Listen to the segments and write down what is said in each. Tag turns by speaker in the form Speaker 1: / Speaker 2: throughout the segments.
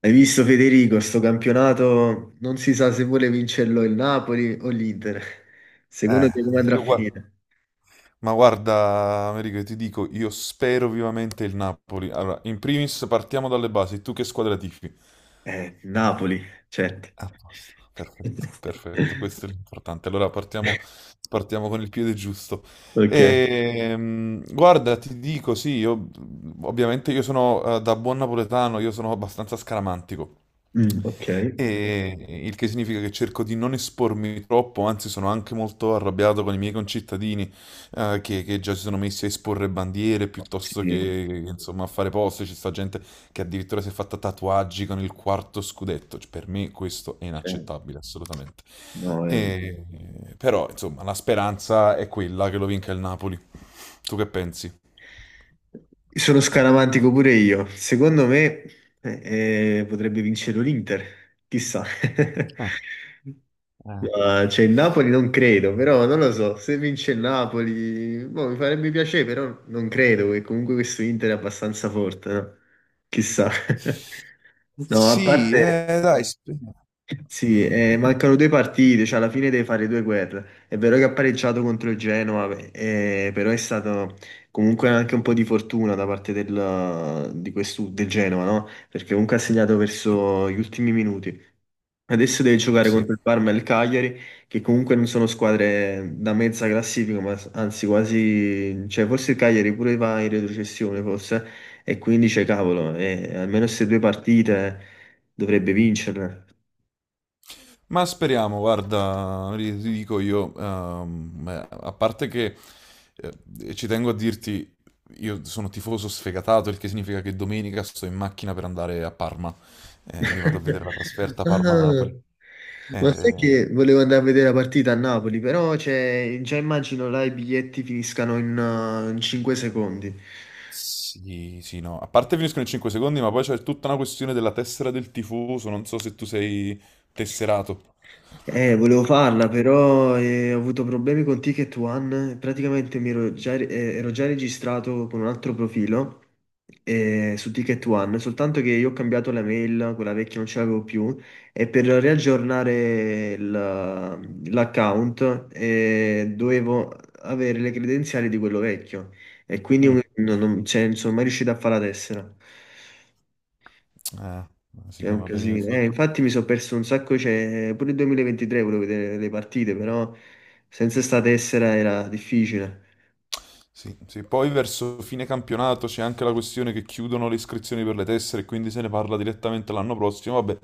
Speaker 1: Hai visto Federico, sto campionato non si sa se vuole vincerlo il Napoli o l'Inter. Secondo
Speaker 2: Eh,
Speaker 1: te come andrà a
Speaker 2: io gua-
Speaker 1: finire?
Speaker 2: ma guarda, Americo, io ti dico, io spero vivamente il Napoli. Allora, in primis partiamo dalle basi. Tu che squadra tifi?
Speaker 1: Napoli, certo.
Speaker 2: A posto, perfetto, perfetto, questo è l'importante. Allora partiamo con il piede giusto.
Speaker 1: Ok.
Speaker 2: Guarda, ti dico, sì, io, ovviamente io sono da buon napoletano, io sono abbastanza scaramantico,
Speaker 1: Mm, ok.
Speaker 2: e, il che significa che cerco di non espormi troppo, anzi sono anche molto arrabbiato con i miei concittadini che già si sono messi a esporre bandiere piuttosto
Speaker 1: Sì,
Speaker 2: che, insomma, a fare post, ci sta gente che addirittura si è fatta tatuaggi con il quarto scudetto. Cioè, per me questo è
Speaker 1: cioè,
Speaker 2: inaccettabile, assolutamente.
Speaker 1: no, eh.
Speaker 2: Però, insomma, la speranza è quella che lo vinca il Napoli. Tu che pensi?
Speaker 1: Sono scaramantico pure io. Secondo me potrebbe vincere l'Inter, chissà.
Speaker 2: Ah, ah.
Speaker 1: Ma c'è il Napoli, non credo, però non lo so, se vince il Napoli, boh, mi farebbe piacere, però non credo che comunque questo Inter è abbastanza forte, no? Chissà. No, a
Speaker 2: Sì,
Speaker 1: parte,
Speaker 2: dai,
Speaker 1: sì, mancano due partite, cioè alla fine deve fare due guerre. È vero che ha pareggiato contro il Genoa, beh, però è stato comunque anche un po' di fortuna da parte del, di questo, del Genoa, no? Perché comunque ha segnato verso gli ultimi minuti. Adesso deve giocare
Speaker 2: sì.
Speaker 1: contro il Parma e il Cagliari, che comunque non sono squadre da mezza classifica, ma anzi quasi, cioè forse il Cagliari pure va in retrocessione forse, e quindi c'è cavolo, e almeno queste due partite dovrebbe vincerle.
Speaker 2: Ma speriamo, guarda, ti dico io, a parte che ci tengo a dirti, io sono tifoso sfegatato, il che significa che domenica sto in macchina per andare a Parma. Mi vado a vedere la trasferta
Speaker 1: Ah,
Speaker 2: Parma-Napoli.
Speaker 1: ma sai
Speaker 2: Eh,
Speaker 1: che volevo andare a vedere la partita a Napoli, però cioè, già immagino là i biglietti finiscano in 5 secondi.
Speaker 2: sì, sì, no, a parte finiscono in 5 secondi, ma poi c'è tutta una questione della tessera del tifoso, non so se tu sei tesserato.
Speaker 1: Volevo farla, però ho avuto problemi con Ticket One. Praticamente ero già registrato con un altro profilo su Ticket One, soltanto che io ho cambiato la mail, quella vecchia non ce l'avevo più, e per l'account dovevo avere le credenziali di quello vecchio, e
Speaker 2: Mm.
Speaker 1: cioè, non sono mai riuscito a fare la tessera.
Speaker 2: Eh, sì,
Speaker 1: È
Speaker 2: no,
Speaker 1: un
Speaker 2: vabbè, mi...
Speaker 1: casino. Infatti mi sono perso un sacco, cioè, pure il 2023 volevo vedere le partite, però senza sta tessera era difficile.
Speaker 2: Sì, sì. Poi verso fine campionato c'è anche la questione che chiudono le iscrizioni per le tessere, e quindi se ne parla direttamente l'anno prossimo. Vabbè,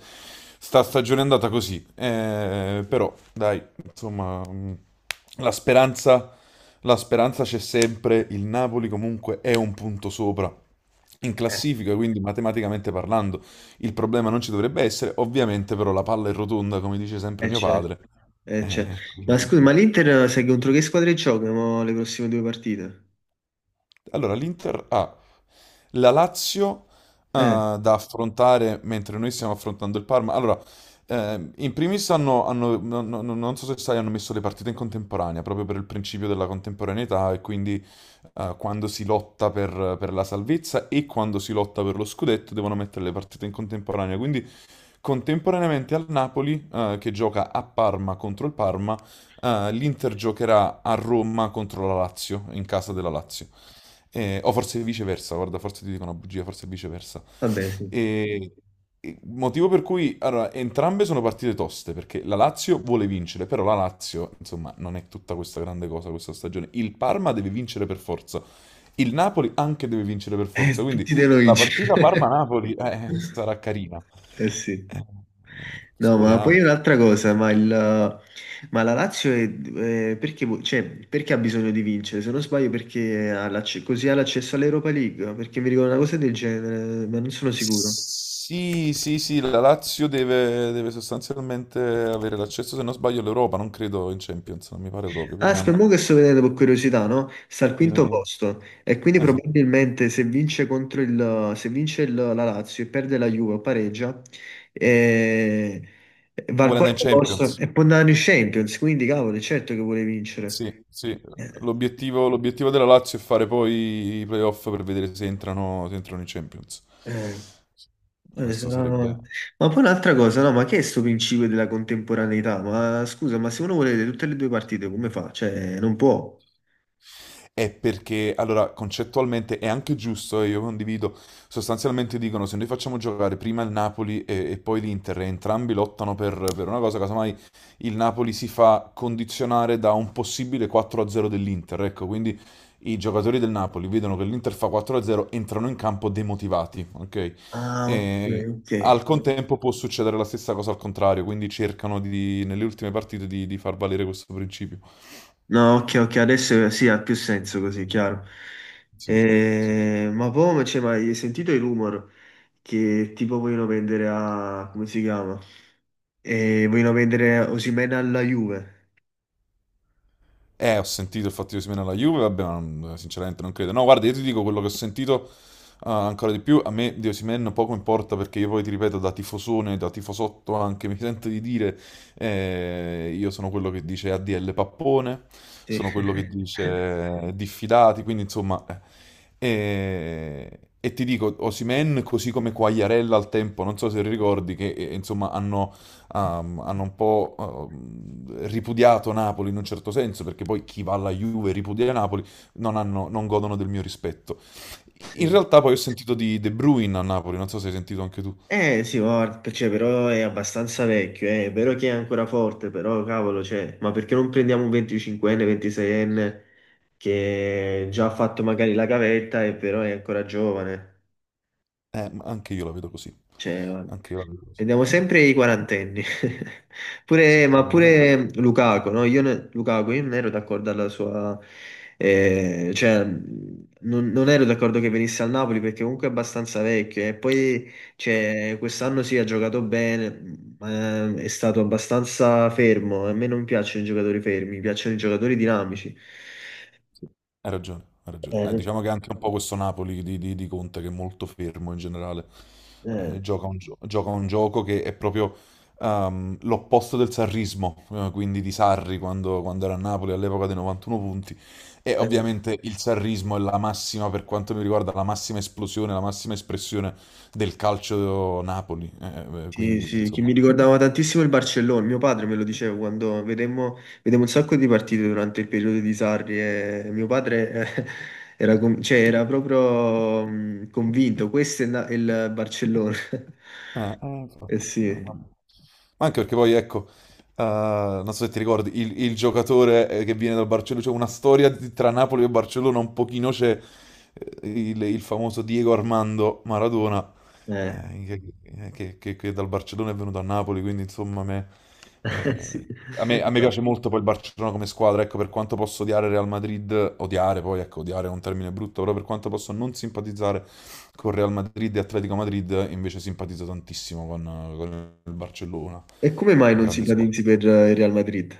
Speaker 2: sta stagione è andata così. Però, dai, insomma, la speranza, la speranza c'è sempre. Il Napoli comunque è un punto sopra in
Speaker 1: Eh,
Speaker 2: classifica, quindi matematicamente parlando il problema non ci dovrebbe essere. Ovviamente però la palla è rotonda, come dice sempre mio
Speaker 1: certo,
Speaker 2: padre.
Speaker 1: certo. Ma scusa, ma
Speaker 2: Quindi-
Speaker 1: l'Inter sai contro che squadre gioca mo, le prossime due partite?
Speaker 2: allora, l'Inter ha la Lazio
Speaker 1: Eh,
Speaker 2: da affrontare mentre noi stiamo affrontando il Parma. Allora, in primis non so se sai, hanno messo le partite in contemporanea proprio per il principio della contemporaneità e quindi quando si lotta per la salvezza e quando si lotta per lo scudetto devono mettere le partite in contemporanea. Quindi contemporaneamente al Napoli, che gioca a Parma contro il Parma, l'Inter giocherà a Roma contro la Lazio, in casa della Lazio. O forse viceversa, guarda, forse ti dico una bugia, forse viceversa.
Speaker 1: Vabbè, sì.
Speaker 2: E, e motivo per cui, allora, entrambe sono partite toste, perché la Lazio vuole vincere, però la Lazio, insomma, non è tutta questa grande cosa questa stagione. Il Parma deve vincere per forza, il Napoli anche deve vincere per forza, quindi
Speaker 1: Tutti devono
Speaker 2: la partita
Speaker 1: vincere.
Speaker 2: Parma-Napoli sarà carina.
Speaker 1: Eh sì.
Speaker 2: Eh,
Speaker 1: No, ma poi
Speaker 2: speriamo.
Speaker 1: un'altra cosa, ma, il, ma la Lazio perché, cioè, perché ha bisogno di vincere? Se non sbaglio, perché così ha l'accesso all'Europa League? Perché mi ricordo una cosa del genere, ma non sono sicuro.
Speaker 2: Sì, sì, sì, la Lazio deve sostanzialmente avere l'accesso, se non sbaglio, all'Europa, non credo in Champions, non mi pare proprio,
Speaker 1: Ah,
Speaker 2: vediamo.
Speaker 1: spero che sto vedendo per curiosità, no? Sta al
Speaker 2: In-
Speaker 1: quinto
Speaker 2: in-
Speaker 1: posto e quindi
Speaker 2: esatto.
Speaker 1: probabilmente se vince contro se la Lazio e perde la Juve o pareggia, eh, va al
Speaker 2: Vuole andare in
Speaker 1: quarto posto
Speaker 2: Champions.
Speaker 1: e può andare in Champions, quindi cavolo, è certo che vuole vincere.
Speaker 2: Sì, sì.
Speaker 1: Eh,
Speaker 2: L'obiettivo della Lazio è fare poi i playoff per vedere se se entrano in Champions.
Speaker 1: eh.
Speaker 2: Questo
Speaker 1: Sarà...
Speaker 2: sarebbe...
Speaker 1: Ma poi un'altra cosa, no? Ma che è sto principio della contemporaneità? Ma scusa, ma se uno vuole vedere tutte le due partite, come fa? Cioè, non può.
Speaker 2: È perché, allora, concettualmente è anche giusto e io condivido, sostanzialmente dicono se noi facciamo giocare prima il Napoli e poi l'Inter e entrambi lottano per una cosa, casomai il Napoli si fa condizionare da un possibile 4-0 dell'Inter, ecco, quindi i giocatori del Napoli vedono che l'Inter fa 4-0, entrano in campo demotivati, ok?
Speaker 1: Ah, ok,
Speaker 2: E
Speaker 1: ok.
Speaker 2: al contempo può succedere la stessa cosa al contrario, quindi cercano nelle ultime partite di far valere questo principio.
Speaker 1: No, ok, ok, adesso sì, ha più senso così, chiaro.
Speaker 2: Sì,
Speaker 1: Cioè, ma hai sentito i rumor che tipo vogliono vendere a... come si chiama? Vogliono vendere Osimhen alla Juve.
Speaker 2: eh, ho sentito il fatto che Osimhen alla Juve, vabbè, sinceramente non credo. No, guarda, io ti dico quello che ho sentito ah, ancora di più. A me di Osimhen poco importa perché io poi ti ripeto, da tifosone, da tifosotto anche, mi sento di dire, io sono quello che dice ADL pappone,
Speaker 1: Sì.
Speaker 2: sono quello che dice diffidati, quindi insomma.... e ti dico, Osimhen, così come Quagliarella al tempo, non so se ricordi, che insomma hanno un po' ripudiato Napoli in un certo senso, perché poi chi va alla Juve e ripudia Napoli non godono del mio rispetto. In
Speaker 1: Sì.
Speaker 2: realtà poi ho sentito di De Bruyne a Napoli, non so se hai sentito anche tu.
Speaker 1: Eh sì, guarda, cioè, però è abbastanza vecchio, eh. È vero che è ancora forte, però cavolo, cioè, ma perché non prendiamo un 25enne, 26enne che già ha fatto magari la gavetta e però è ancora giovane?
Speaker 2: Ma anche io la vedo così.
Speaker 1: Cioè, guarda.
Speaker 2: Anche io la vedo così.
Speaker 1: Vediamo sempre i quarantenni.
Speaker 2: Sì,
Speaker 1: Pure, ma
Speaker 2: prendiamo sempre.
Speaker 1: pure Lukaku, no? Lukaku, io non ero d'accordo alla sua... non ero d'accordo che venisse al Napoli perché comunque è abbastanza vecchio. E poi, cioè, quest'anno sì, ha giocato bene, ma è stato abbastanza fermo. A me non piacciono i giocatori fermi, mi piacciono i giocatori dinamici.
Speaker 2: Hai ragione, hai ragione.
Speaker 1: Eh.
Speaker 2: Diciamo che anche un po' questo Napoli di Conte che è molto fermo in generale,
Speaker 1: eh,
Speaker 2: gioca gioca un gioco che è proprio l'opposto del sarrismo, quindi di Sarri quando era a Napoli all'epoca dei 91 punti. E
Speaker 1: eh.
Speaker 2: ovviamente il sarrismo è la massima, per quanto mi riguarda, la massima esplosione, la massima espressione del calcio Napoli. Eh,
Speaker 1: Sì,
Speaker 2: quindi,
Speaker 1: sì, che mi
Speaker 2: insomma...
Speaker 1: ricordava tantissimo il Barcellona, mio padre me lo diceva quando vedemmo un sacco di partite durante il periodo di Sarri e mio padre eh, cioè, era proprio convinto, il Barcellona. Eh
Speaker 2: Infatti,
Speaker 1: sì.
Speaker 2: vabbè. Ma anche perché poi, ecco, eh, non so se ti ricordi, il giocatore che viene dal Barcellona, c'è una storia di- tra Napoli e Barcellona un pochino c'è, il famoso Diego Armando Maradona,
Speaker 1: Eh,
Speaker 2: eh, che, che dal Barcellona è venuto a Napoli, quindi insomma
Speaker 1: sì.
Speaker 2: eh, a me piace molto poi il Barcellona come squadra, ecco per quanto posso odiare Real Madrid, odiare poi, ecco odiare è un termine brutto, però per quanto posso non simpatizzare con Real Madrid e Atletico Madrid, invece simpatizzo tantissimo con il Barcellona,
Speaker 1: E come mai non si
Speaker 2: grande squadra.
Speaker 1: ipotizzi per il Real Madrid?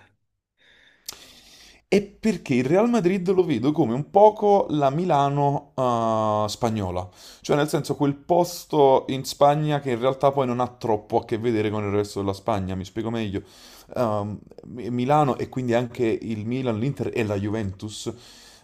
Speaker 2: È perché il Real Madrid lo vedo come un poco la Milano, spagnola, cioè nel senso quel posto in Spagna che in realtà poi non ha troppo a che vedere con il resto della Spagna, mi spiego meglio. Ehm, Milano e quindi anche il Milan, l'Inter e la Juventus.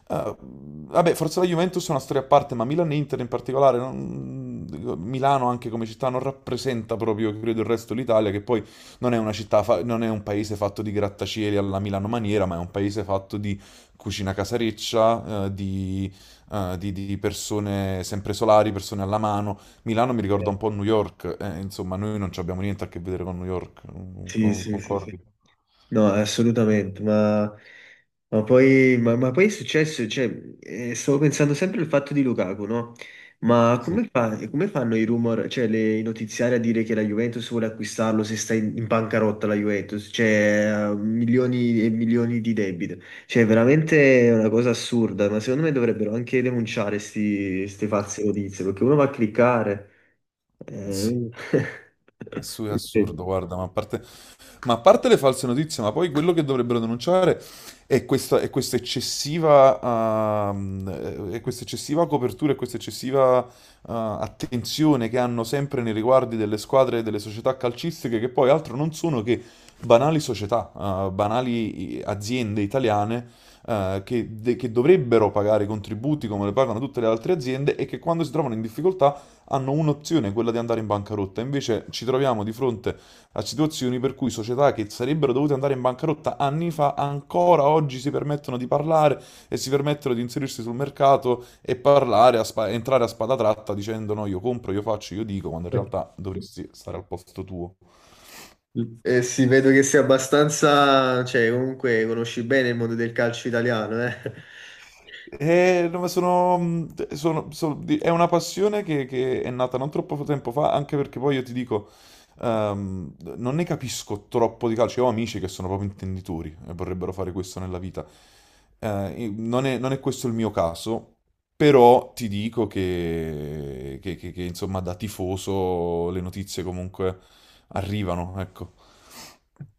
Speaker 2: Eh, vabbè, forse la Juventus è una storia a parte, ma Milan e Inter in particolare, non- Milano anche come città non rappresenta proprio, credo, il resto dell'Italia, che poi non è una città, non è un paese fatto di grattacieli alla Milano maniera, ma è un paese fatto di cucina casareccia, di, di persone sempre solari, persone alla mano. Milano mi ricorda
Speaker 1: Eh.
Speaker 2: un po' New York, insomma, noi non ci abbiamo niente a che vedere con New York,
Speaker 1: Sì, sì, sì, sì.
Speaker 2: concordi?
Speaker 1: No, assolutamente, ma poi è successo, cioè, stavo pensando sempre al fatto di Lukaku, no? Ma
Speaker 2: Sì,
Speaker 1: come fanno i rumor, cioè i notiziari a dire che la Juventus vuole acquistarlo se sta in bancarotta la Juventus, cioè ha milioni e milioni di debito, cioè veramente è una cosa assurda, ma secondo me dovrebbero anche denunciare queste false notizie, perché uno va a cliccare.
Speaker 2: sì,
Speaker 1: Eh,
Speaker 2: è assurdo, guarda, ma a parte ma a parte le false notizie, ma poi quello che dovrebbero denunciare è è questa eccessiva copertura e questa eccessiva attenzione che hanno sempre nei riguardi delle squadre e delle società calcistiche, che poi altro non sono che banali società, banali aziende italiane che, che dovrebbero pagare i contributi come le pagano tutte le altre aziende e che quando si trovano in difficoltà hanno un'opzione, quella di andare in bancarotta. Invece ci troviamo di fronte a situazioni per cui società che sarebbero dovute andare in bancarotta anni fa ancora oggi si permettono di parlare e si permettono di inserirsi sul mercato e parlare, entrare a spada tratta dicendo no, io compro, io faccio, io dico, quando in
Speaker 1: ok.
Speaker 2: realtà dovresti stare al posto tuo.
Speaker 1: E si vedo che sei abbastanza, cioè comunque conosci bene il mondo del calcio italiano, eh?
Speaker 2: No, ma è una passione che è nata non troppo tempo fa, anche perché poi io ti dico, non ne capisco troppo di calcio. Io ho amici che sono proprio intenditori e vorrebbero fare questo nella vita. Non è questo il mio caso, però ti dico che, insomma, da tifoso le notizie comunque arrivano, ecco.